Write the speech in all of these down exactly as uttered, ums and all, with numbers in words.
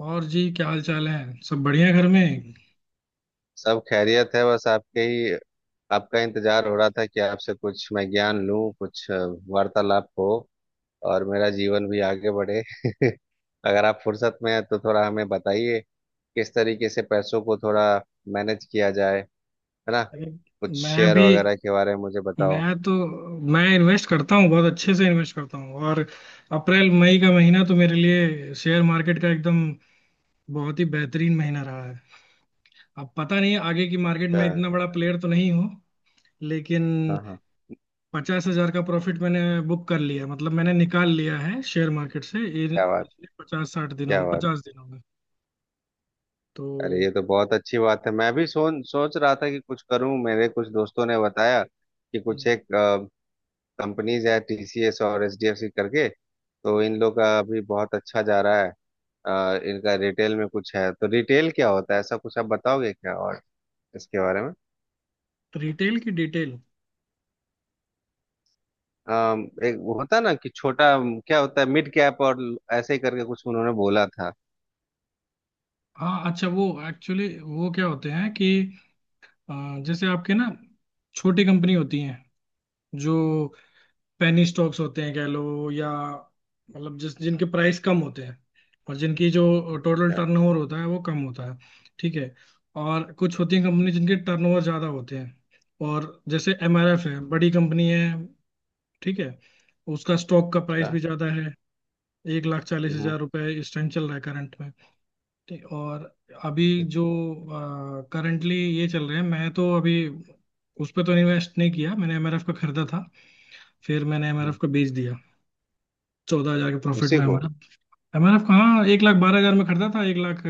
और जी क्या हाल चाल है? सब बढ़िया घर में। सब खैरियत है, बस आपके ही। आपका इंतजार हो रहा था कि आपसे कुछ मैं ज्ञान लूं, कुछ अ, वार्तालाप हो और मेरा जीवन भी आगे बढ़े अगर आप फुर्सत में हैं तो थोड़ा हमें बताइए, किस तरीके से पैसों को थोड़ा मैनेज किया जाए। है ना? अरे, कुछ मैं शेयर भी वगैरह के बारे में मुझे बताओ। मैं तो मैं इन्वेस्ट करता हूँ, बहुत अच्छे से इन्वेस्ट करता हूँ। और अप्रैल मई का महीना तो मेरे लिए शेयर मार्केट का एकदम बहुत ही बेहतरीन महीना रहा है। अब पता नहीं, आगे की मार्केट अच्छा। में इतना बड़ा प्लेयर तो नहीं हूँ, लेकिन हाँ, हाँ। पचास हजार का प्रॉफिट मैंने बुक कर लिया, मतलब मैंने निकाल लिया है शेयर मार्केट से इन क्या बात। पिछले पचास साठ दिनों क्या में, बात। पचास दिनों में। तो अरे ये तो बहुत अच्छी बात है, मैं भी सोच सोच रहा था कि कुछ करूं। मेरे कुछ दोस्तों ने बताया कि कुछ एक कंपनीज है, टीसीएस और एचडीएफसी करके, तो इन लोग का अभी बहुत अच्छा जा रहा है। आ, इनका रिटेल में कुछ है, तो रिटेल क्या होता है? ऐसा कुछ आप बताओगे क्या? और इसके बारे में? रिटेल की डिटेल। अम, एक वो होता है ना कि छोटा, अम, क्या होता है, मिड कैप और ल- ऐसे ही करके कुछ उन्होंने बोला था। हाँ, अच्छा वो एक्चुअली वो क्या होते हैं कि अ, जैसे आपके ना छोटी कंपनी होती हैं, जो पेनी स्टॉक्स होते हैं कह लो, या मतलब जिस जिनके प्राइस कम होते हैं और जिनकी जो टोटल क्या? टर्नओवर होता है वो कम होता है। ठीक है। और कुछ होती हैं कंपनी जिनके टर्नओवर ज़्यादा होते हैं, और जैसे एमआरएफ है, बड़ी कंपनी है। ठीक है। उसका स्टॉक का प्राइस अच्छा। भी ज़्यादा है, एक लाख चालीस हम्म, हजार रुपये इस टाइम चल रहा है करंट में। ठीक, और अभी हम्म, जो करंटली ये चल रहे हैं, मैं तो अभी उस पर तो इन्वेस्ट नहीं किया, मैंने एमआरएफ का खरीदा था, फिर मैंने एमआरएफ हम्म। का बेच दिया चौदह हजार के प्रॉफिट उसी में। को? एमआरएफ एमआरएफ कहाँ एक लाख बारह हजार में खरीदा था, एक लाख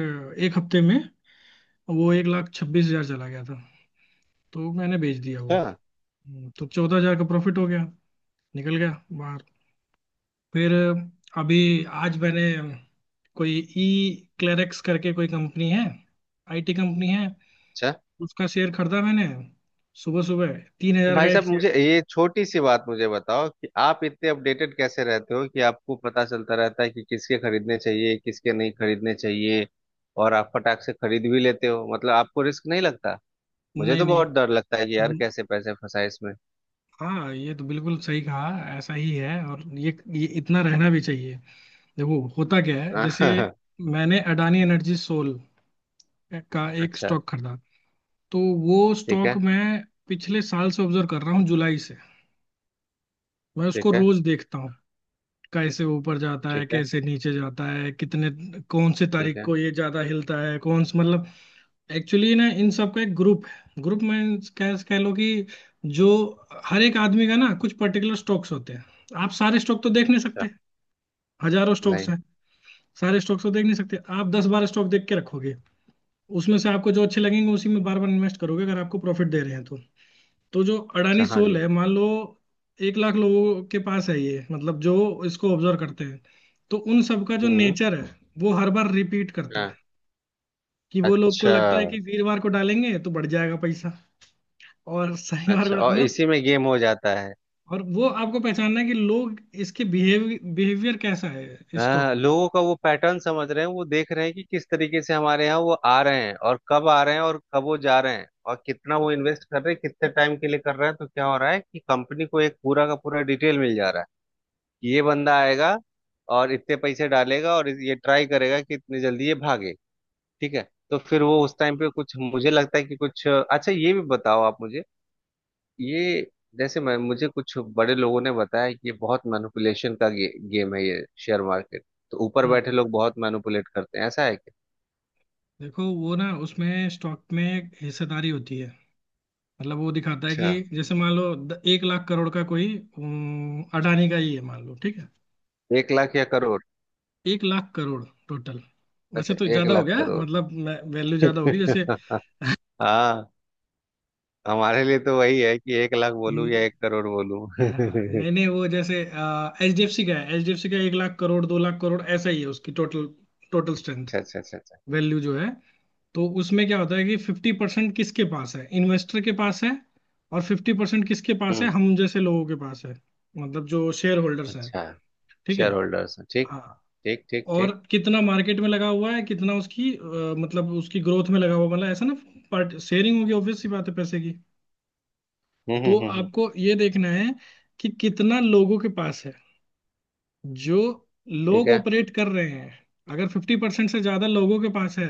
एक हफ्ते में वो एक लाख छब्बीस हजार चला गया था, तो मैंने बेच दिया वो। अच्छा। हम्म, तो चौदह हजार का प्रॉफिट हो गया, निकल गया बाहर। फिर अभी आज मैंने कोई ई क्लेरेक्स करके कोई कंपनी है, आईटी कंपनी है, अच्छा। उसका शेयर खरीदा मैंने सुबह सुबह, तीन हजार का भाई एक साहब, शेयर। मुझे ये छोटी सी बात मुझे बताओ कि आप इतने अपडेटेड कैसे रहते हो कि आपको पता चलता रहता है कि किसके खरीदने चाहिए, किसके नहीं खरीदने चाहिए। और आप फटाक से खरीद भी लेते हो, मतलब आपको रिस्क नहीं लगता। मुझे नहीं तो नहीं। बहुत डर लगता है कि यार हम्म, कैसे पैसे फंसाए इसमें। हाँ, ये तो बिल्कुल सही कहा, ऐसा ही है, और ये ये इतना रहना भी चाहिए। देखो होता क्या है, जैसे मैंने अडानी एनर्जी सोल का एक अच्छा। स्टॉक खरीदा, तो वो ठीक स्टॉक है। मैं पिछले साल से ऑब्जर्व कर रहा हूँ, जुलाई से। मैं उसको ठीक है। रोज देखता हूँ, कैसे ऊपर जाता है ठीक है। कैसे नीचे जाता है, कितने कौन सी ठीक तारीख है। को ये ज्यादा हिलता है, कौन सी, मतलब, एक्चुअली ना इन सब का एक ग्रुप है, ग्रुप में कह कह लो कि जो हर एक आदमी का ना कुछ पर्टिकुलर स्टॉक्स होते हैं, आप सारे स्टॉक तो देख नहीं अच्छा। सकते, हजारों स्टॉक्स नहीं। हैं, सारे स्टॉक्स तो देख नहीं सकते। आप दस बारह स्टॉक देख के रखोगे, उसमें से आपको जो अच्छे लगेंगे उसी में बार बार इन्वेस्ट करोगे अगर आपको प्रॉफिट दे रहे हैं तो। तो जो अच्छा। अडानी हाँ सोल जी। है मान लो, एक लाख लोगों के पास है ये, मतलब जो इसको ऑब्जर्व करते हैं, तो उन सबका जो हम्म। नेचर है वो हर बार रिपीट करता है, हाँ। कि वो लोग को अच्छा। लगता है कि वीरवार को डालेंगे तो बढ़ जाएगा पैसा। और सही मार्ग अच्छा। और मतलब, इसी में गेम हो जाता है। और वो आपको पहचानना है कि लोग इसके बिहेव बिहेवियर कैसा है स्टॉक हाँ, का। लोगों का वो पैटर्न समझ रहे हैं, वो देख रहे हैं कि किस तरीके से हमारे यहाँ वो आ रहे हैं और कब आ रहे हैं और कब वो जा रहे हैं और कितना वो इन्वेस्ट कर रहे हैं, कितने टाइम के लिए कर रहे हैं, तो क्या हो रहा है कि कंपनी को एक पूरा का पूरा डिटेल मिल जा रहा है कि ये बंदा आएगा और इतने पैसे डालेगा और ये ट्राई करेगा कि इतनी जल्दी ये भागे। ठीक है। तो फिर वो उस टाइम पे कुछ, मुझे लगता है कि कुछ अच्छा ये भी बताओ आप मुझे। ये, जैसे मैं, मुझे कुछ बड़े लोगों ने बताया कि ये बहुत मैनिपुलेशन का गे, गेम है, ये शेयर मार्केट। तो ऊपर हम्म। बैठे लोग बहुत मैनिपुलेट करते हैं, ऐसा है क्या? देखो वो ना उसमें स्टॉक में हिस्सेदारी होती है, मतलब वो दिखाता है अच्छा। कि जैसे मान लो द- एक लाख करोड़ का कोई अम, अडानी का ही है, मान लो, ठीक है। एक लाख या करोड़? एक लाख करोड़ टोटल। वैसे अच्छा, तो एक ज्यादा हो लाख गया करोड़ मतलब, वैल्यू ज्यादा होगी। जैसे, हाँ। हमारे लिए तो वही है कि एक लाख बोलूं या एक हम्म, करोड़ बोलूं। हाँ, अच्छा। नहीं नहीं, वो जैसे एच डी एफ सी का है, एच डी एफ सी का एक लाख करोड़ दो लाख करोड़ ऐसा ही है, उसकी टोटल टोटल स्ट्रेंथ अच्छा। अच्छा। अच्छा। वैल्यू जो है। तो उसमें क्या होता है कि फिफ्टी परसेंट किसके पास है? इन्वेस्टर के पास है, और फिफ्टी परसेंट किसके पास है? हम्म। हम जैसे लोगों के पास है, मतलब जो शेयर होल्डर्स हैं। अच्छा। ठीक है। शेयर होल्डर्स, ठीक। हाँ। ठीक, ठीक, और ठीक। कितना मार्केट में लगा हुआ है, कितना उसकी अ, मतलब उसकी ग्रोथ में लगा हुआ, मतलब ऐसा ना पार्ट शेयरिंग होगी, ऑब्वियस सी बात है पैसे की। हम्म, हम्म, तो हम्म, हम्म। आपको ये देखना है कि कितना लोगों के पास है जो ठीक लोग है। ऑपरेट कर रहे हैं। अगर फिफ्टी परसेंट से ज्यादा लोगों के पास है,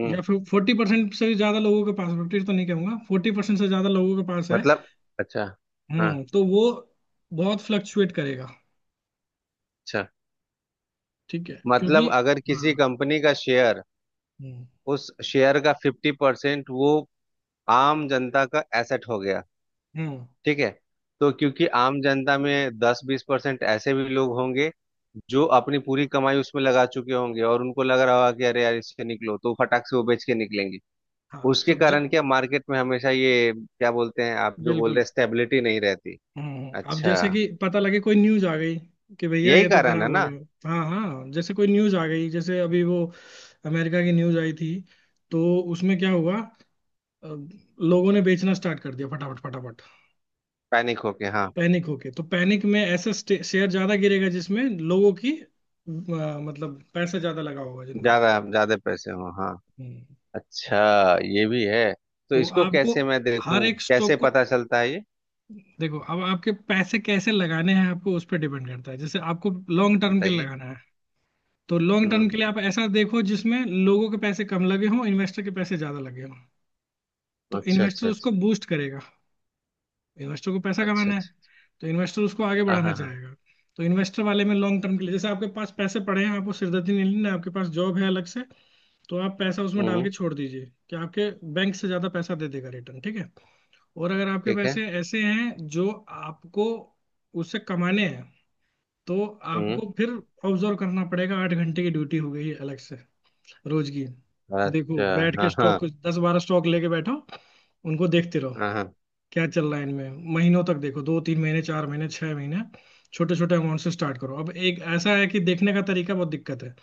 हम्म। या फिर फोर्टी परसेंट से ज्यादा लोगों के पास, फिफ्टी तो नहीं कहूंगा, फोर्टी परसेंट से ज्यादा लोगों के पास है, मतलब। अच्छा। हाँ। हम्म, तो वो बहुत फ्लक्चुएट करेगा। अच्छा। ठीक है, क्योंकि मतलब अगर किसी हाँ। कंपनी का शेयर, हम्म उस शेयर का फिफ्टी परसेंट वो आम जनता का एसेट हो गया। हम्म। ठीक है। तो क्योंकि आम जनता में दस बीस परसेंट ऐसे भी लोग होंगे जो अपनी पूरी कमाई उसमें लगा चुके होंगे और उनको लग रहा होगा कि अरे यार इससे निकलो, तो फटाक से वो बेच के निकलेंगे। हाँ, उसके तो जब कारण क्या मार्केट में हमेशा ये क्या बोलते हैं आप जो बोल बिल्कुल। रहे, स्टेबिलिटी नहीं रहती। हम्म हम्म, अब अच्छा। जैसे कि पता लगे कोई न्यूज आ गई कि भैया यही ये तो कारण है खराब हो ना? गया, हाँ हाँ, जैसे कोई न्यूज आ गई, जैसे अभी वो अमेरिका की न्यूज आई थी, तो उसमें क्या हुआ, अ, लोगों ने बेचना स्टार्ट कर दिया फटाफट फटाफट। पैनिक होके, हाँ। पैनिक होके, तो पैनिक में ऐसा स्टे- शेयर ज्यादा गिरेगा जिसमें लोगों की अ, मतलब पैसा ज्यादा लगा होगा जिनका। ज्यादा ज्यादा पैसे हो, हाँ। हम्म, अच्छा। ये भी है। तो तो इसको आपको कैसे मैं हर देखूं, एक कैसे स्टॉक को पता चलता है ये? देखो, अब आपके पैसे कैसे लगाने हैं आपको उस पर डिपेंड करता है। जैसे आपको लॉन्ग टर्म के लिए बताइए। लगाना है, तो लॉन्ग टर्म हम्म। के लिए आप ऐसा देखो जिसमें लोगों के पैसे कम लगे हों, इन्वेस्टर के पैसे ज्यादा लगे हों, तो अच्छा। इन्वेस्टर अच्छा। अच्छा। उसको बूस्ट करेगा। इन्वेस्टर को पैसा अच्छा। कमाना है, अच्छा। तो इन्वेस्टर उसको आगे हाँ, बढ़ाना हाँ, हाँ। चाहेगा। तो इन्वेस्टर वाले में लॉन्ग टर्म के लिए, जैसे आपके पास पैसे पड़े हैं, आपको सिरदर्दी नहीं लेना है, आपके पास जॉब है अलग से, तो आप पैसा उसमें डाल हम्म। के छोड़ दीजिए कि आपके बैंक से ज्यादा पैसा दे देगा रिटर्न। ठीक है। और अगर आपके ठीक है। पैसे ऐसे हैं जो आपको उससे कमाने हैं, तो हम्म। आपको फिर ऑब्जर्व करना पड़ेगा, आठ घंटे की ड्यूटी हो गई है अलग से, रोज की। देखो अच्छा। बैठ के हाँ, स्टॉक, हाँ, कुछ दस बारह स्टॉक लेके बैठो, उनको देखते रहो हाँ, हाँ। क्या चल रहा है इनमें, महीनों तक देखो, दो तीन महीने, चार महीने, छह महीने। छोटे छोटे अमाउंट से स्टार्ट करो। अब एक ऐसा है कि देखने का तरीका बहुत दिक्कत है,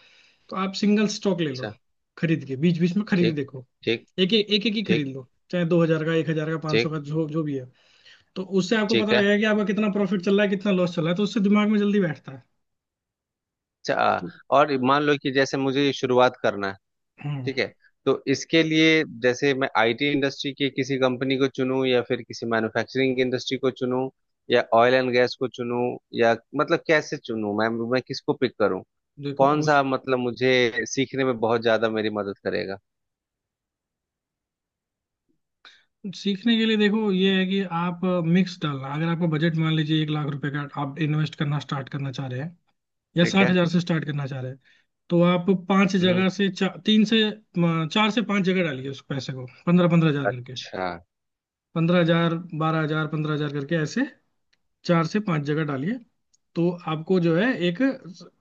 तो आप सिंगल स्टॉक ले लो, अच्छा। खरीद के, बीच बीच में खरीद के ठीक, देखो। ठीक, एक एक एक एक ही खरीद ठीक, लो, चाहे दो हजार का, एक हजार का, पांच सौ ठीक। का, जो जो भी है। तो उससे आपको ठीक पता है। लगेगा कि आपका कितना प्रॉफिट चल रहा है कितना लॉस चल रहा है, तो उससे दिमाग में जल्दी बैठता है। अच्छा। आ, तो, और मान लो कि जैसे मुझे शुरुआत करना है। हम्म, ठीक है। तो इसके लिए जैसे मैं आईटी इंडस्ट्री की किसी कंपनी को चुनूं, या फिर किसी मैन्युफैक्चरिंग इंडस्ट्री को चुनूं, या ऑयल एंड गैस को चुनूं, या, मतलब कैसे चुनूं? मैं मैं किसको पिक करूं, देखो कौन उस सा, मतलब मुझे सीखने में बहुत ज्यादा मेरी मदद करेगा? सीखने के लिए देखो ये है कि आप मिक्स डालना, अगर आपका बजट मान लीजिए एक लाख रुपए का, आप इन्वेस्ट करना स्टार्ट करना चाह रहे हैं, या ठीक साठ है। हजार से स्टार्ट करना चाह रहे हैं, तो आप पांच हम्म। जगह से चा, तीन से म, चार से पांच जगह डालिए उस पैसे को, पंद्रह पंद्रह हजार करके, अच्छा। पंद्रह हजार बारह हजार पंद्रह हजार करके ऐसे, चार से पांच जगह डालिए। तो आपको जो है एक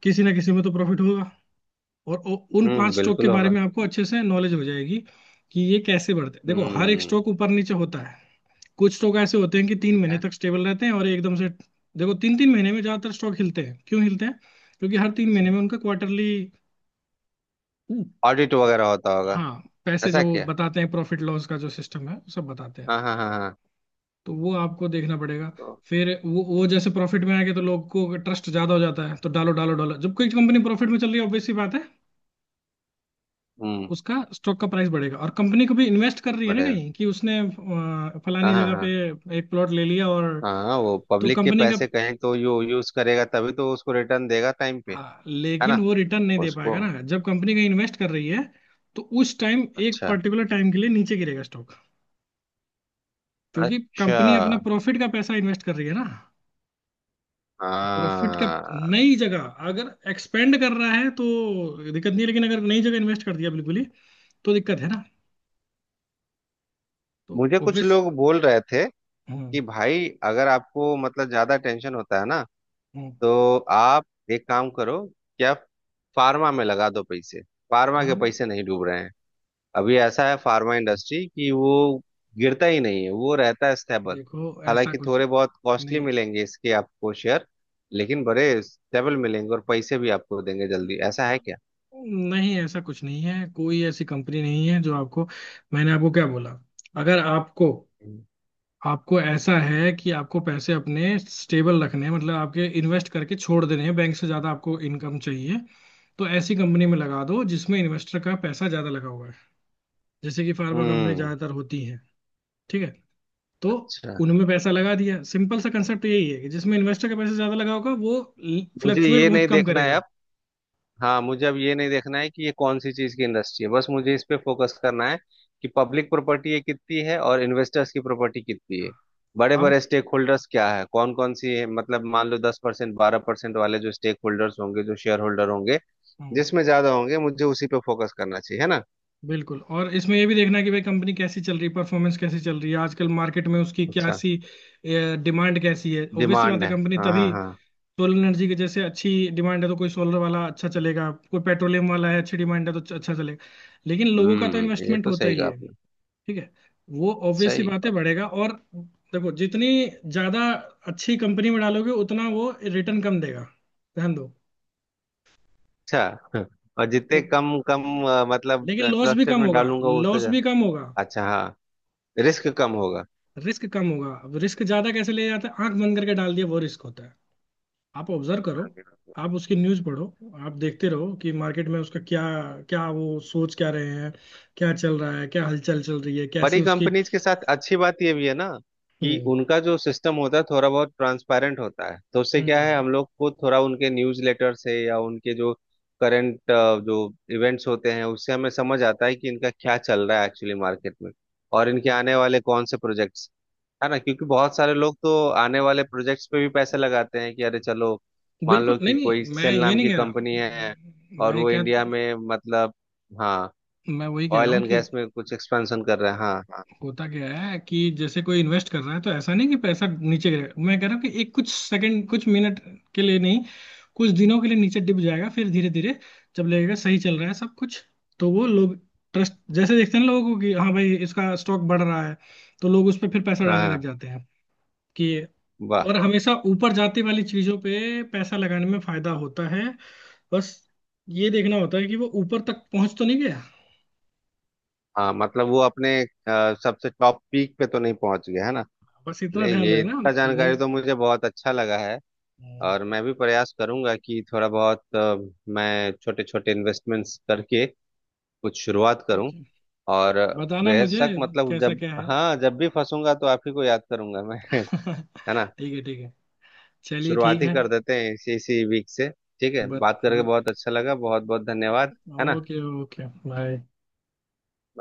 किसी ना किसी में तो प्रॉफिट होगा, और उ- उन पांच हम्म, स्टॉक के बिल्कुल बारे होगा। में आपको अच्छे से नॉलेज हो जाएगी कि ये कैसे बढ़ते हैं। देखो हर एक हम्म। स्टॉक ऊपर नीचे होता है, कुछ स्टॉक ऐसे होते हैं कि तीन ठीक महीने है। तक स्टेबल रहते हैं और एकदम से, देखो तीन तीन महीने में ज्यादातर स्टॉक हिलते हैं। क्यों हिलते हैं? क्योंकि हर तीन अच्छा, महीने में उनका क्वार्टरली, ऑडिट वगैरह होता होगा। हाँ, पैसे ऐसा जो क्या? बताते हैं प्रॉफिट लॉस का, जो सिस्टम है सब बताते हैं। हाँ, हाँ, हाँ, हाँ। तो वो आपको देखना पड़ेगा, तो? फिर वो वो जैसे प्रॉफिट में आएंगे तो लोग को ट्रस्ट ज्यादा हो जाता है तो डालो डालो डालो। जब कोई कंपनी प्रॉफिट में चल रही है, ऑब्वियस सी बात है, हम्म, उसका स्टॉक का प्राइस बढ़ेगा, और कंपनी को भी इन्वेस्ट कर रही है ना बढ़ेगा। कहीं, कि उसने अ, हाँ, फलानी जगह पे हाँ, एक प्लॉट ले लिया, और हाँ, हाँ। वो तो पब्लिक के कंपनी का, पैसे कहीं तो यू यूज करेगा, तभी तो उसको रिटर्न देगा टाइम पे। हाँ, है लेकिन ना? वो रिटर्न नहीं दे उसको। पाएगा ना जब कंपनी कहीं इन्वेस्ट कर रही है, तो उस टाइम एक अच्छा। पर्टिकुलर टाइम के लिए नीचे गिरेगा स्टॉक, क्योंकि अच्छा। कंपनी अपना प्रॉफिट का पैसा इन्वेस्ट कर रही है ना। प्रॉफिट का, हाँ। नई जगह, अगर एक्सपेंड कर रहा है तो दिक्कत नहीं है, लेकिन अगर नई जगह इन्वेस्ट कर दिया बिल्कुल ही, तो दिक्कत है ना। तो मुझे कुछ ऑब्वियस। लोग बोल रहे थे हम्म कि भाई, अगर आपको मतलब ज्यादा टेंशन होता है ना, हम्म। तो आप एक काम करो। क्या? फार्मा में लगा दो पैसे। फार्मा कर। के पैसे नहीं डूब रहे हैं। अभी ऐसा है फार्मा इंडस्ट्री, कि वो गिरता ही नहीं है, वो रहता है स्टेबल। देखो ऐसा हालांकि कुछ, थोड़े बहुत कॉस्टली नहीं मिलेंगे इसके आपको शेयर, लेकिन बड़े स्टेबल मिलेंगे और पैसे भी आपको देंगे जल्दी। ऐसा है क्या? नहीं, ऐसा कुछ नहीं है, कोई ऐसी कंपनी नहीं है जो आपको, मैंने आपको क्या बोला, अगर आपको, आपको ऐसा है कि आपको पैसे अपने स्टेबल रखने हैं, मतलब आपके इन्वेस्ट करके छोड़ देने हैं, बैंक से ज्यादा आपको इनकम चाहिए, तो ऐसी कंपनी में लगा दो जिसमें इन्वेस्टर का पैसा ज्यादा लगा हुआ है, जैसे कि फार्मा कंपनी हम्म। ज्यादातर होती हैं। ठीक है। तो अच्छा। उनमें पैसा लगा दिया। सिंपल सा कंसेप्ट यही है कि जिसमें इन्वेस्टर का पैसा ज्यादा लगा होगा वो मुझे फ्लक्चुएट ये बहुत नहीं कम देखना करेगा। है। हाँ, मुझे अब ये नहीं देखना है कि ये कौन सी चीज की इंडस्ट्री है, बस मुझे इस पे फोकस करना है कि पब्लिक प्रॉपर्टी ये कितनी है और इन्वेस्टर्स की प्रॉपर्टी कितनी है, बड़े अब, बड़े स्टेक होल्डर्स क्या है, कौन कौन सी है, मतलब मान लो दस परसेंट बारह परसेंट वाले जो स्टेक होल्डर्स होंगे, जो शेयर होल्डर होंगे, हम्म, जिसमें ज्यादा होंगे मुझे उसी पे फोकस करना चाहिए। है ना? बिल्कुल, और इसमें ये भी देखना है कि भाई कंपनी कैसी चल रही है, परफॉर्मेंस कैसी चल रही है आजकल मार्केट में, उसकी क्या अच्छा, सी डिमांड कैसी है। ऑब्वियस सी बात डिमांड है है। कंपनी हाँ, तभी, हाँ, हाँ। सोलर एनर्जी की जैसे अच्छी डिमांड है तो कोई सोलर वाला अच्छा चलेगा, कोई पेट्रोलियम वाला है अच्छी डिमांड है तो अच्छा चलेगा। लेकिन लोगों का तो हम्म। ये इन्वेस्टमेंट तो होता सही ही कहा है। आपने। ठीक है। वो ऑब्वियस सी सही बातें बात। बढ़ेगा, और देखो, जितनी ज्यादा अच्छी कंपनी में डालोगे उतना वो रिटर्न कम देगा, ध्यान दो अच्छा। और जितने क्यों, कम कम, अ, मतलब लेकिन लॉस भी ट्रस्टेड कम में होगा, डालूंगा वो उतना लॉस ज्या-। भी कम होगा, अच्छा। हाँ, रिस्क कम होगा। रिस्क कम होगा। अब रिस्क ज्यादा कैसे ले जाते हैं? आंख बंद करके डाल दिया वो रिस्क होता है। आप ऑब्जर्व करो, आप उसकी न्यूज पढ़ो, आप देखते रहो कि मार्केट में उसका क्या, क्या वो सोच क्या रहे हैं, क्या चल रहा है, क्या हलचल चल रही है, कैसे बड़ी उसकी। कंपनीज के साथ अच्छी बात ये भी है ना कि हम्म उनका जो सिस्टम होता है थोड़ा बहुत ट्रांसपेरेंट होता है, तो उससे क्या है, हम लोग को थोड़ा उनके न्यूज़ लेटर से या उनके जो करंट जो इवेंट्स होते हैं उससे हमें समझ आता है कि इनका क्या चल रहा है एक्चुअली मार्केट में, और इनके हम्म। आने वाले कौन से प्रोजेक्ट्स। है ना? क्योंकि बहुत सारे लोग तो आने वाले प्रोजेक्ट्स पे भी पैसे लगाते हैं कि अरे चलो, मान बिल्कुल लो नहीं कि कोई नहीं, मैं सेल ये नाम नहीं की कह रहा कंपनी है, हूँ। और मैं वो क्या, इंडिया में मतलब। हाँ, मैं वही कह रहा ऑयल हूँ एंड कि गैस में कुछ एक्सपेंशन कर रहे हैं। हाँ, हाँ। होता क्या है कि जैसे कोई इन्वेस्ट कर रहा है तो ऐसा नहीं कि पैसा नीचे गिरेगा, मैं कह रहा हूँ कि एक कुछ सेकंड कुछ मिनट के लिए नहीं, कुछ दिनों के लिए नीचे डिप जाएगा, फिर धीरे धीरे, जब लगेगा सही चल रहा है सब कुछ, तो वो लोग ट्रस्ट जैसे देखते हैं ना लोगों को कि हाँ भाई इसका स्टॉक बढ़ रहा है, तो लोग उस पर फिर पैसा हाँ, डालने लग हाँ। जाते हैं कि, वाह। और हमेशा ऊपर जाते वाली चीजों पे पैसा लगाने में फायदा होता है। बस ये देखना होता है कि वो ऊपर तक पहुंच तो नहीं गया, हाँ, मतलब वो अपने अ, सबसे टॉप पीक पे तो नहीं पहुंच गया है ना? बस इतना ले, ध्यान ये रहना। इतना नहीं। जानकारी तो मुझे बहुत अच्छा लगा है, और मैं भी प्रयास करूंगा कि थोड़ा बहुत अ, मैं छोटे छोटे इन्वेस्टमेंट्स करके कुछ शुरुआत करूं। ठीक है, और बताना मुझे बेशक, मतलब कैसा जब, क्या है। हाँ, जब भी फंसूंगा तो आप ही को याद करूंगा मैं। है ना? ठीक है ठीक है, चलिए ठीक शुरुआत ही है। कर देते हैं इसी इसी वीक से। ठीक है, बत बात करके बत बहुत अच्छा लगा, बहुत बहुत धन्यवाद। है ना? Okay okay bye.